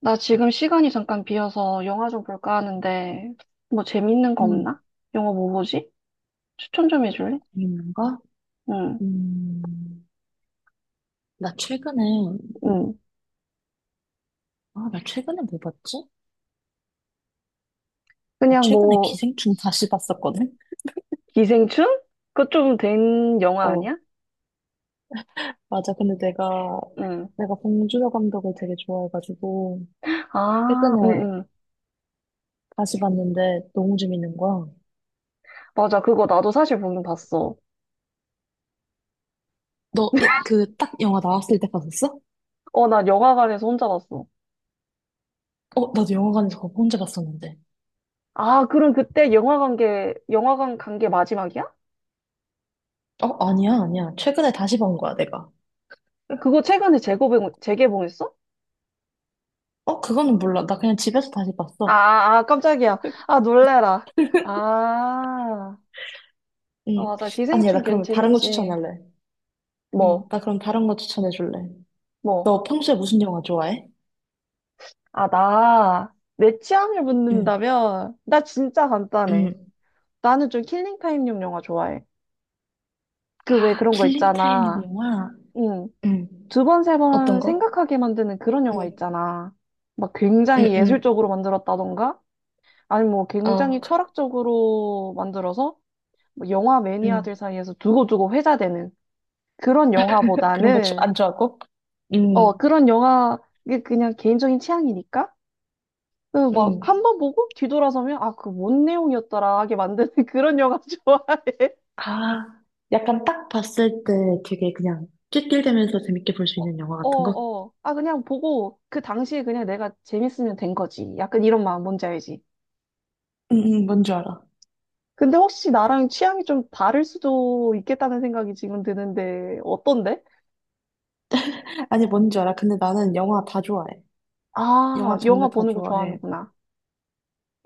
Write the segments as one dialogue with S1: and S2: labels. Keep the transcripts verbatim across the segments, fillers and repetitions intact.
S1: 나 지금 시간이 잠깐 비어서 영화 좀 볼까 하는데, 뭐 재밌는 거
S2: 음,
S1: 없나? 영화 뭐 보지? 추천 좀 해줄래?
S2: 재밌는 거?
S1: 응,
S2: 음, 나 최근에,
S1: 응.
S2: 아, 나 최근에 뭐 봤지? 나
S1: 그냥
S2: 최근에
S1: 뭐,
S2: 기생충 다시 봤었거든?
S1: 기생충? 그거 좀 된 영화
S2: 어,
S1: 아니야?
S2: 맞아. 근데 내가,
S1: 응.
S2: 내가 봉준호 감독을 되게 좋아해가지고,
S1: 아,
S2: 최근에
S1: 응, 응.
S2: 다시 봤는데 너무 재밌는 거야.
S1: 맞아. 그거 나도 사실 보긴 봤어.
S2: 너, 예, 그, 딱 영화 나왔을 때 봤었어?
S1: 어, 나 영화관에서 혼자 봤어.
S2: 어, 나도 영화관에서 그거 혼자 봤었는데.
S1: 아, 그럼 그때 영화관 게, 영화관 간 게 마지막이야?
S2: 어, 아니야, 아니야. 최근에 다시 본 거야, 내가.
S1: 그거 최근에 재개봉, 재개봉했어?
S2: 어, 그거는 몰라. 나 그냥 집에서 다시
S1: 아,
S2: 봤어.
S1: 아, 아, 깜짝이야. 아, 놀래라. 아. 아,
S2: 응.
S1: 맞아.
S2: 아니야,
S1: 기생충
S2: 나
S1: 괜
S2: 그러면 다른 거
S1: 재밌지.
S2: 추천할래. 응,
S1: 뭐,
S2: 나 그럼 다른 거 추천해 줄래?
S1: 뭐.
S2: 너 평소에 무슨 영화 좋아해?
S1: 아, 나, 내 취향을
S2: 응,
S1: 묻는다면, 나 진짜 간단해.
S2: 응.
S1: 나는 좀 킬링타임용 영화 좋아해. 그 왜
S2: 아,
S1: 그런 거
S2: 킬링 타임
S1: 있잖아.
S2: 영화?
S1: 응.
S2: 응.
S1: 두 번, 세
S2: 어떤
S1: 번
S2: 거?
S1: 생각하게 만드는 그런
S2: 응.
S1: 영화 있잖아. 막 굉장히
S2: 응응.
S1: 예술적으로 만들었다던가? 아니, 뭐
S2: 어,
S1: 굉장히
S2: 그,
S1: 철학적으로 만들어서, 뭐 영화 매니아들 사이에서 두고두고 회자되는 그런
S2: 응. 그런 거
S1: 영화보다는,
S2: 안 좋아하고?
S1: 어,
S2: 응.
S1: 그런 영화, 이게 그냥 개인적인 취향이니까? 그
S2: 응.
S1: 막 한 번 보고 뒤돌아서면 아, 그 뭔 내용이었더라 하게 만드는 그런 영화 좋아해.
S2: 아, 약간 딱 봤을 때 되게 그냥 낄낄대면서 재밌게 볼 수 있는 영화
S1: 어,
S2: 같은 거?
S1: 어. 아, 그냥 보고 그 당시에 그냥 내가 재밌으면 된 거지. 약간 이런 마음 뭔지 알지?
S2: 응, 응, 뭔지 알아.
S1: 근데 혹시 나랑 취향이 좀 다를 수도 있겠다는 생각이 지금 드는데 어떤데?
S2: 아니, 뭔지 알아. 근데 나는 영화 다 좋아해. 영화
S1: 아, 영화
S2: 장르 다
S1: 보는 거
S2: 좋아해.
S1: 좋아하는구나.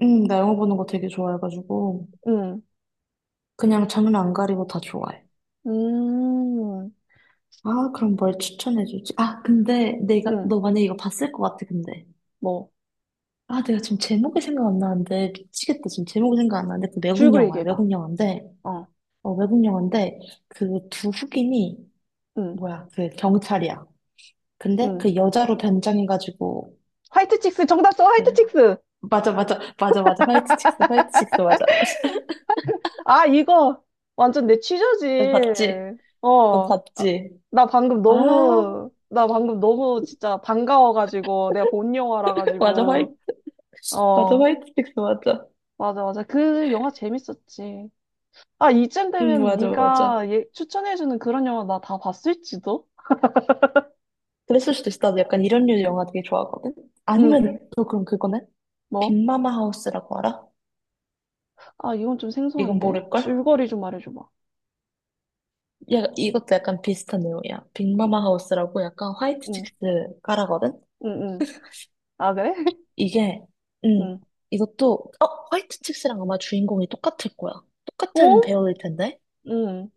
S2: 응, 나 영화 보는 거 되게 좋아해가지고,
S1: 응.
S2: 그냥 장르 안 가리고 다 좋아해.
S1: 음.
S2: 아, 그럼 뭘 추천해주지? 아, 근데 내가,
S1: 응.
S2: 너 만약에 이거 봤을 것 같아, 근데.
S1: 뭐.
S2: 아, 내가 지금 제목이 생각 안 나는데, 미치겠다. 지금 제목이 생각 안 나는데, 그 외국
S1: 줄거리
S2: 영화야,
S1: 얘기해봐.
S2: 외국 영화인데,
S1: 어.
S2: 어, 외국 영화인데, 그 두 흑인이,
S1: 응.
S2: 뭐야, 그 경찰이야. 근데
S1: 응.
S2: 그 여자로 변장해가지고,
S1: 화이트 칙스 정답 써.
S2: 그,
S1: 화이트 칙스.
S2: 맞아, 맞아, 맞아, 맞아. 화이트 칙스, 화이트 칙스, 맞아.
S1: 아, 이거 완전 내 취저지.
S2: 너 봤지? 너
S1: 어. 아,
S2: 봤지?
S1: 나 방금
S2: 아,
S1: 너무, 나 방금 너무 진짜 반가워가지고, 내가 본
S2: 맞아,
S1: 영화라가지고.
S2: 화이트, 맞아,
S1: 어,
S2: 화이트 칙스, 맞아.
S1: 맞아, 맞아. 그 영화 재밌었지. 아, 이쯤
S2: 응,
S1: 되면
S2: 맞아, 맞아.
S1: 네가 예, 추천해주는 그런 영화 나 다 봤을지도?
S2: 그랬을 수도 있어. 나도 약간 이런 류 영화 되게 좋아하거든.
S1: 응, 응.
S2: 아니면 또 그럼 그거네?
S1: 뭐?
S2: 빅마마 하우스라고 알아?
S1: 아, 이건 좀
S2: 이건
S1: 생소한데?
S2: 모를걸?
S1: 줄거리 좀 말해줘봐.
S2: 야, 이것도 약간 비슷한 내용이야. 빅마마 하우스라고 약간 화이트
S1: 응,
S2: 칙스 깔아거든?
S1: 응, 응. 아, 그래?
S2: 이게, 음,
S1: 응.
S2: 이것도, 어, 화이트 칙스랑 아마 주인공이 똑같을 거야. 똑같은
S1: 어?
S2: 배우일 텐데?
S1: 응,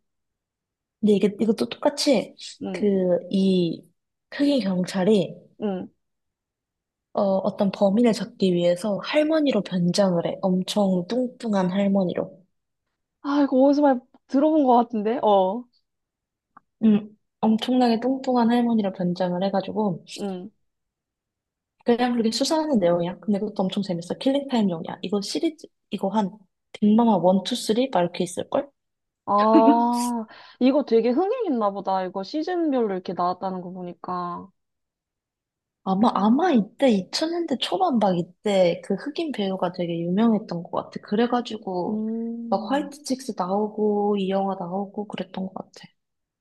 S2: 근데 이게, 이것도 똑같이, 그,
S1: 응,
S2: 이, 흑인 경찰이,
S1: 응.
S2: 어, 어떤 범인을 잡기 위해서 할머니로 변장을 해. 엄청 뚱뚱한 할머니로.
S1: 아, 이거 어디서 많이 들어본 것 같은데? 어.
S2: 음, 엄청나게 뚱뚱한 할머니로 변장을 해가지고
S1: 응.
S2: 그냥 그렇게 수사하는 내용이야. 근데 그것도 엄청 재밌어. 킬링타임용이야. 이거 시리즈 이거 한 빅마마 일, 이, 삼? 막 이렇게 있을걸?
S1: 아, 이거 되게 흥행했나 보다. 이거 시즌별로 이렇게 나왔다는 거 보니까.
S2: 아마 아마 이때 이천 년대 초반 막 이때 그 흑인 배우가 되게 유명했던 것 같아. 그래가지고 막
S1: 음,
S2: 화이트 칙스 나오고 이 영화 나오고 그랬던 것 같아.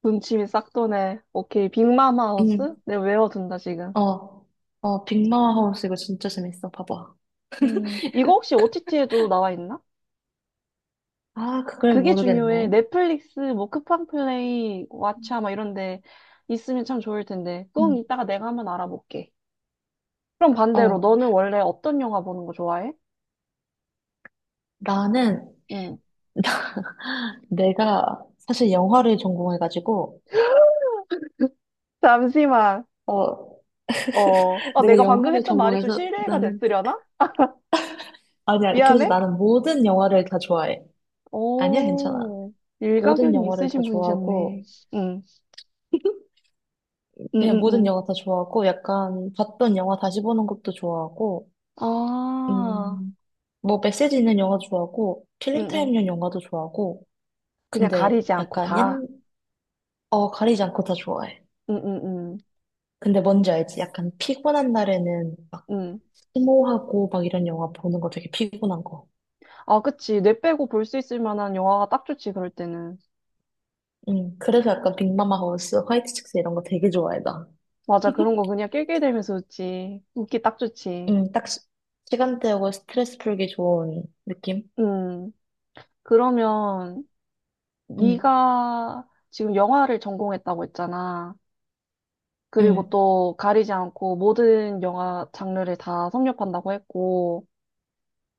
S1: 군침이 싹 도네. 오케이, 빅맘
S2: 응,
S1: 하우스? 내가 외워둔다, 지금.
S2: 어, 어, 빅마마 하우스 이거 진짜 재밌어. 봐봐.
S1: 음, 이거 혹시 오티티에도 나와 있나?
S2: 아, 그걸
S1: 그게 중요해.
S2: 모르겠네.
S1: 넷플릭스, 뭐, 쿠팡플레이, 왓챠, 막 이런 데 있으면 참 좋을 텐데. 그건
S2: 응,
S1: 이따가 내가 한번 알아볼게. 그럼 반대로,
S2: 어,
S1: 너는 원래 어떤 영화 보는 거 좋아해?
S2: 나는
S1: 음.
S2: 내가 사실 영화를 전공해가지고,
S1: 잠시만.
S2: 어,
S1: 어, 어,
S2: 내가
S1: 내가 방금
S2: 영화를
S1: 했던 말이 좀
S2: 전공해서
S1: 실례가
S2: 나는,
S1: 됐으려나?
S2: 아니, 아니, 그래서
S1: 미안해.
S2: 나는 모든 영화를 다 좋아해. 아니야, 괜찮아.
S1: 오,
S2: 모든
S1: 일가견이
S2: 영화를 다
S1: 있으신 분이셨네.
S2: 좋아하고,
S1: 응, 응,
S2: 그냥
S1: 응,
S2: 모든
S1: 응.
S2: 영화 다 좋아하고, 약간 봤던 영화 다시 보는 것도 좋아하고,
S1: 아,
S2: 음, 뭐 메시지 있는 영화도 좋아하고,
S1: 응, 응.
S2: 킬링타임용 영화도 좋아하고,
S1: 그냥
S2: 근데
S1: 가리지 않고
S2: 약간 옛,
S1: 다.
S2: 어, 가리지 않고 다 좋아해.
S1: 응, 응, 응,
S2: 근데 뭔지 알지? 약간 피곤한 날에는 막
S1: 응.
S2: 스모하고 막 이런 영화 보는 거 되게 피곤한 거.
S1: 아, 그치. 뇌 빼고 볼 수 있을 만한 영화가 딱 좋지, 그럴 때는.
S2: 음, 그래서 약간 빅마마 하우스, 화이트 칙스 이런 거 되게 좋아해, 나.
S1: 맞아, 그런 거 그냥 낄낄대면서 웃지. 웃기 딱 좋지.
S2: 음, 딱 시, 간대하고 스트레스 풀기 좋은 느낌?
S1: 응. 그러면,
S2: 음.
S1: 네가 지금 영화를 전공했다고 했잖아. 그리고
S2: 음.
S1: 또 가리지 않고 모든 영화 장르를 다 섭렵한다고 했고,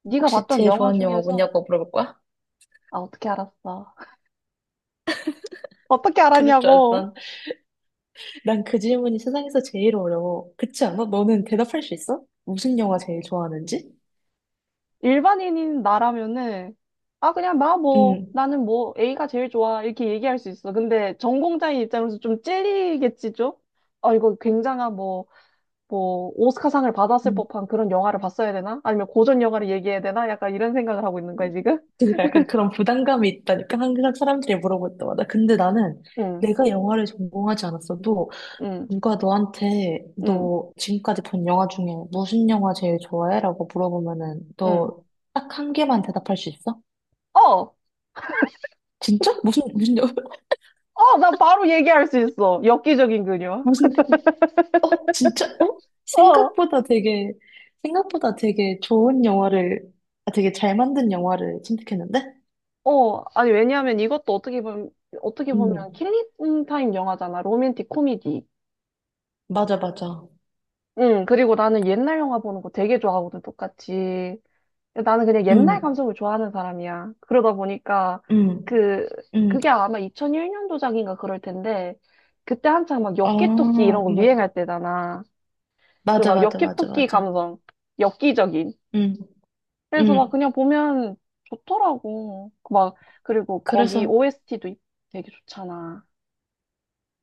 S1: 네가
S2: 혹시
S1: 봤던
S2: 제일
S1: 영화
S2: 좋아하는 영화
S1: 중에서
S2: 뭐냐고 물어볼 거야?
S1: 아, 어떻게 알았어? 어떻게
S2: 그럴 줄
S1: 알았냐고.
S2: 알았던. 난그 질문이 세상에서 제일 어려워. 그렇지 않아? 너는 대답할 수 있어? 무슨 영화 제일 좋아하는지?
S1: 일반인인 나라면은, 아, 그냥 나 뭐,
S2: 응.
S1: 나는 뭐, A가 제일 좋아. 이렇게 얘기할 수 있어. 근데 전공자인 입장에서 좀 찔리겠지, 좀? 아, 이거 굉장한 뭐, 뭐, 오스카상을 받았을
S2: 음.
S1: 법한 그런 영화를 봤어야 되나? 아니면 고전 영화를 얘기해야 되나? 약간 이런 생각을 하고 있는 거야,
S2: 음.
S1: 지금?
S2: 그러니까 약간 그런 부담감이 있다니까 항상 사람들이 물어볼 때마다. 근데 나는
S1: 응,
S2: 내가 영화를 전공하지 않았어도
S1: 응,
S2: 누가 너한테
S1: 응,
S2: 너 지금까지 본 영화 중에 무슨 영화 제일 좋아해? 라고 물어보면은
S1: 응.
S2: 너 딱 한 개만 대답할 수 있어?
S1: 어!
S2: 진짜? 무슨 무슨 영화?
S1: 어! 나 바로 얘기할 수 있어. 엽기적인 그녀.
S2: 무슨 어? 진짜? 어?
S1: 어!
S2: 생각보다 되게 생각보다 되게 좋은 영화를, 아, 되게 잘 만든 영화를 선택했는데?
S1: 어, 아니, 왜냐하면 이것도 어떻게 보면, 어떻게 보면
S2: 음.
S1: 킬링 타임 영화잖아. 로맨틱 코미디.
S2: 맞아, 맞아.
S1: 응, 그리고 나는 옛날 영화 보는 거 되게 좋아하거든, 똑같이. 나는 그냥 옛날 감성을 좋아하는 사람이야. 그러다 보니까,
S2: 음음음아
S1: 그, 그게 아마 이천일 년도작인가 그럴 텐데, 그때 한창 막 엽기토끼 이런 거 유행할 때잖아. 그
S2: 맞아,
S1: 막
S2: 맞아, 맞아, 맞아,
S1: 엽기토끼
S2: 맞아.
S1: 감성. 엽기적인.
S2: 음.
S1: 그래서 막
S2: 음.
S1: 그냥 보면 좋더라고. 막, 그리고 거기
S2: 그래서,
S1: 오에스티도 되게 좋잖아.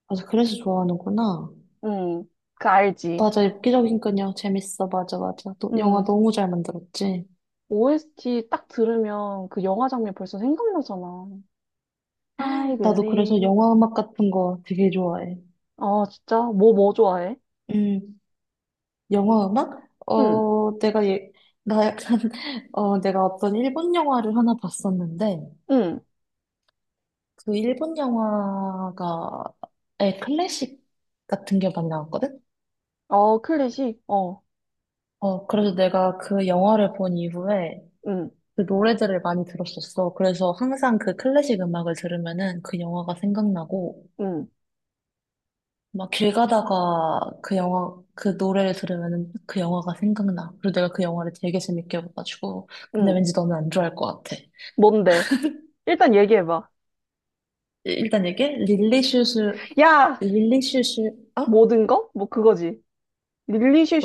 S2: 맞아, 그래서 좋아하는구나.
S1: 응, 그 알지.
S2: 맞아, 엽기적이니까요. 재밌어. 맞아, 맞아. 너, 영화
S1: 응,
S2: 너무 잘 만들었지?
S1: 오에스티 딱 들으면 그 영화 장면 벌써 생각나잖아. I
S2: 나도 그래서
S1: believe.
S2: 영화 음악 같은 거 되게 좋아해.
S1: 아, 진짜? 뭐, 뭐 좋아해?
S2: 음, 영화 음악?
S1: 응,
S2: 어, 내가 예, 나 약간, 어, 내가 어떤 일본 영화를 하나 봤었는데,
S1: 응.
S2: 그 일본 영화가의 클래식 같은 게 많이 나왔거든?
S1: 어, 클래식? 어,
S2: 어, 그래서 내가 그 영화를 본 이후에
S1: 응,
S2: 그 노래들을 많이 들었었어. 그래서 항상 그 클래식 음악을 들으면은 그 영화가 생각나고,
S1: 응,
S2: 막 길 가다가 그 영화, 그 노래를 들으면 그 영화가 생각나. 그리고 내가 그 영화를 되게 재밌게 봐가지고. 근데
S1: 응.
S2: 왠지 너는 안 좋아할 것 같아.
S1: 뭔데? 일단 얘기해봐.
S2: 일단 이게 릴리슈슈,
S1: 야!
S2: 릴리슈슈, 아?
S1: 모든 거? 뭐 그거지.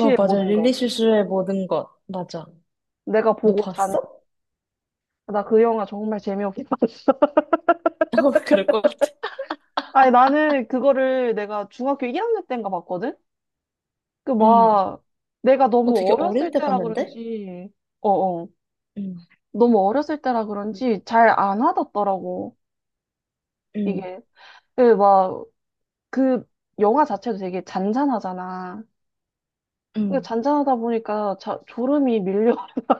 S2: 어, 어, 맞아.
S1: 모든 거.
S2: 릴리슈슈의 모든 것. 맞아.
S1: 내가
S2: 너
S1: 보고 잔,
S2: 봤어?
S1: 나 그 영화 정말 재미없게 봤어.
S2: 어, 그럴 것 같아.
S1: 아니, 나는 그거를 내가 중학교 일 학년 때인가 봤거든? 그
S2: 음.
S1: 막, 내가
S2: 어,
S1: 너무
S2: 되게
S1: 어렸을
S2: 어릴 때
S1: 때라
S2: 봤는데?
S1: 그런지, 어어,
S2: 음.
S1: 너무 어렸을 때라
S2: 음.
S1: 그런지 잘 안 와닿더라고,
S2: 음.
S1: 이게. 그 막, 그 영화 자체도 되게 잔잔하잖아. 그
S2: 음.
S1: 잔잔하다 보니까 자, 졸음이 밀려.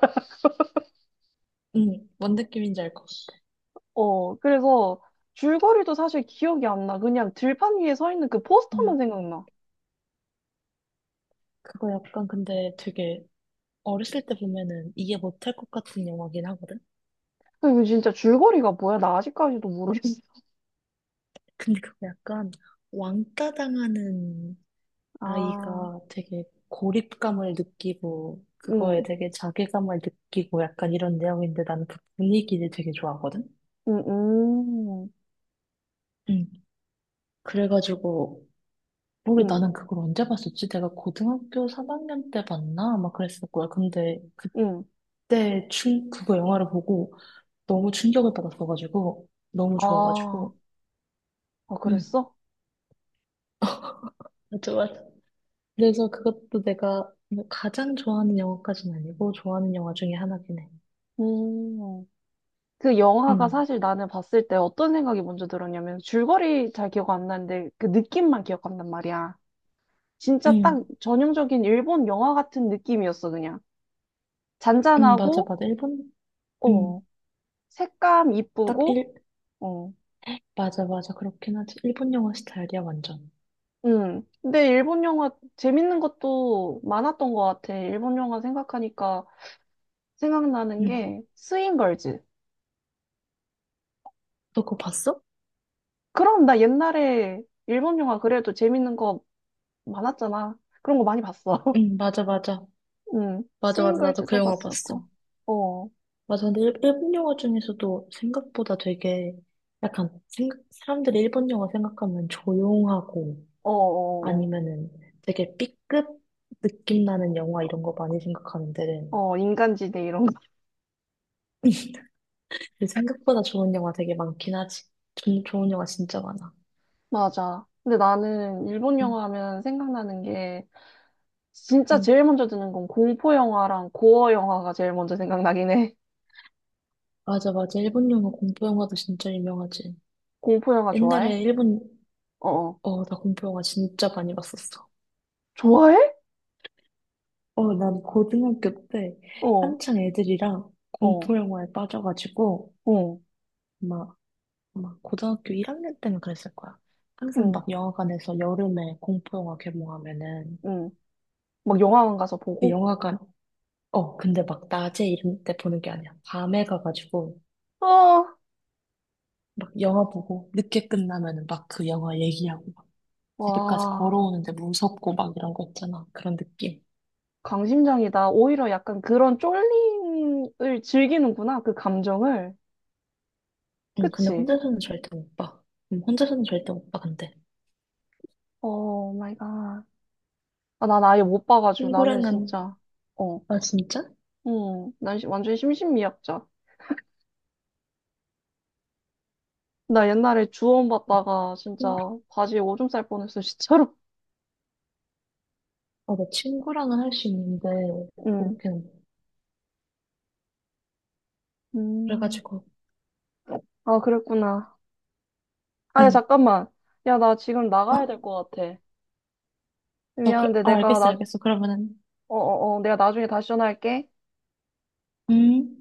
S2: 음. 뭔 느낌인지 알 것 같아.
S1: 어, 그래서 줄거리도 사실 기억이 안 나. 그냥 들판 위에 서 있는 그
S2: 음.
S1: 포스터만 생각나.
S2: 그거 약간 근데 되게 어렸을 때 보면은 이해 못할 것 같은 영화긴 하거든?
S1: 그 이거 진짜 줄거리가 뭐야? 나 아직까지도 모르겠어.
S2: 근데 그거 약간 왕따 당하는
S1: 아,
S2: 아이가 되게 고립감을 느끼고 그거에
S1: 응,
S2: 되게 자괴감을 느끼고 약간 이런 내용인데 나는 그 분위기를 되게 좋아하거든?
S1: 응, 응,
S2: 응. 그래가지고 모르
S1: 응,
S2: 나는 그걸 언제 봤었지? 내가 고등학교 삼 학년 때 봤나? 아마 그랬을 거야. 근데
S1: 응.
S2: 그때 충 그거 영화를 보고 너무 충격을 받았어가지고 너무
S1: 아,
S2: 좋아가지고.
S1: 어,
S2: 응.
S1: 그랬어?
S2: 맞아, 맞아. 그래서 그것도 내가 뭐 가장 좋아하는 영화까지는 아니고 좋아하는 영화 중에 하나긴 해.
S1: 음. 그 영화가
S2: 응,
S1: 사실 나는 봤을 때 어떤 생각이 먼저 들었냐면 줄거리 잘 기억 안 나는데 그 느낌만 기억한단 말이야. 진짜 딱
S2: 응,
S1: 전형적인 일본 영화 같은 느낌이었어, 그냥.
S2: 응, 맞아,
S1: 잔잔하고,
S2: 맞아. 일본, 응,
S1: 어, 색감
S2: 딱
S1: 이쁘고,
S2: 일,
S1: 어,
S2: 맞아, 맞아. 그렇긴 하지. 일본 영화 스타일이야, 완전.
S1: 음. 근데 일본 영화 재밌는 것도 많았던 것 같아. 일본 영화 생각하니까 생각나는
S2: 응.
S1: 게 스윙걸즈.
S2: 너 그거 봤어?
S1: 그럼 나 옛날에 일본 영화 그래도 재밌는 거 많았잖아. 그런 거 많이 봤어.
S2: 응, 맞아, 맞아.
S1: 응,
S2: 맞아, 맞아. 나도 그
S1: 스윙걸즈도
S2: 영화 봤어.
S1: 봤었고. 어, 어,
S2: 맞아. 근데 일, 본 영화 중에서도 생각보다 되게 약간 생각, 사람들이 일본 영화 생각하면 조용하고
S1: 어, 어,
S2: 아니면은 되게 B급 느낌 나는 영화 이런 거 많이 생각하는데
S1: 어, 인간지대 이런 거.
S2: 근데 생각보다 좋은 영화 되게 많긴 하지. 좀 좋은 영화 진짜 많아.
S1: 맞아. 근데 나는 일본
S2: 응,
S1: 영화 하면 생각나는 게 진짜
S2: 응.
S1: 제일 먼저 드는 건 공포 영화랑 고어 영화가 제일 먼저 생각나긴 해.
S2: 맞아, 맞아. 일본 영화, 공포 영화도 진짜 유명하지.
S1: 공포 영화 좋아해?
S2: 옛날에 일본,
S1: 어, 어.
S2: 어, 나 공포 영화 진짜 많이 봤었어.
S1: 좋아해?
S2: 어, 난 고등학교 때
S1: 어,
S2: 한창 애들이랑
S1: 어,
S2: 공포 영화에 빠져가지고,
S1: 어,
S2: 막, 막 고등학교 일 학년 때는 그랬을 거야. 항상
S1: 응,
S2: 막 영화관에서 여름에 공포 영화 개봉하면은,
S1: 응. 막 영화관 가서
S2: 그
S1: 보고?
S2: 영화관, 어, 근데 막 낮에 이런 때 보는 게 아니야. 밤에 가가지고
S1: 어,
S2: 막 영화 보고 늦게 끝나면은 막 그 영화 얘기하고 막 집에까지
S1: 와,
S2: 걸어오는데 무섭고 막 이런 거 있잖아. 그런 느낌.
S1: 강심장이다. 오히려 약간 그런 쫄림을 즐기는구나, 그 감정을.
S2: 응, 근데
S1: 그치?
S2: 혼자서는 절대 못 봐. 응, 혼자서는 절대 못 봐, 근데.
S1: 오 마이 갓. 아, 난 아예 못 봐가지고 나는
S2: 친구랑은,
S1: 진짜 어,
S2: 아, 진짜?
S1: 음, 난 시- 완전 심신미약자. 나 옛날에 주원 봤다가 진짜
S2: 응.
S1: 바지에 오줌 쌀 뻔했어, 진짜로.
S2: 아, 나 친구랑은 할 수 있는데,
S1: 음,
S2: 그렇게는. 못 봐.
S1: 음,
S2: 그래가지고,
S1: 아 그랬구나. 아야
S2: 응,
S1: 잠깐만, 야 나 지금 나가야
S2: 어?
S1: 될 것 같아.
S2: 어, 그,
S1: 미안한데
S2: 어,
S1: 내가
S2: 알겠어,
S1: 나,
S2: 알겠어. 그러면은,
S1: 어, 어, 어, 내가 나중에 다시 전화할게.
S2: 음.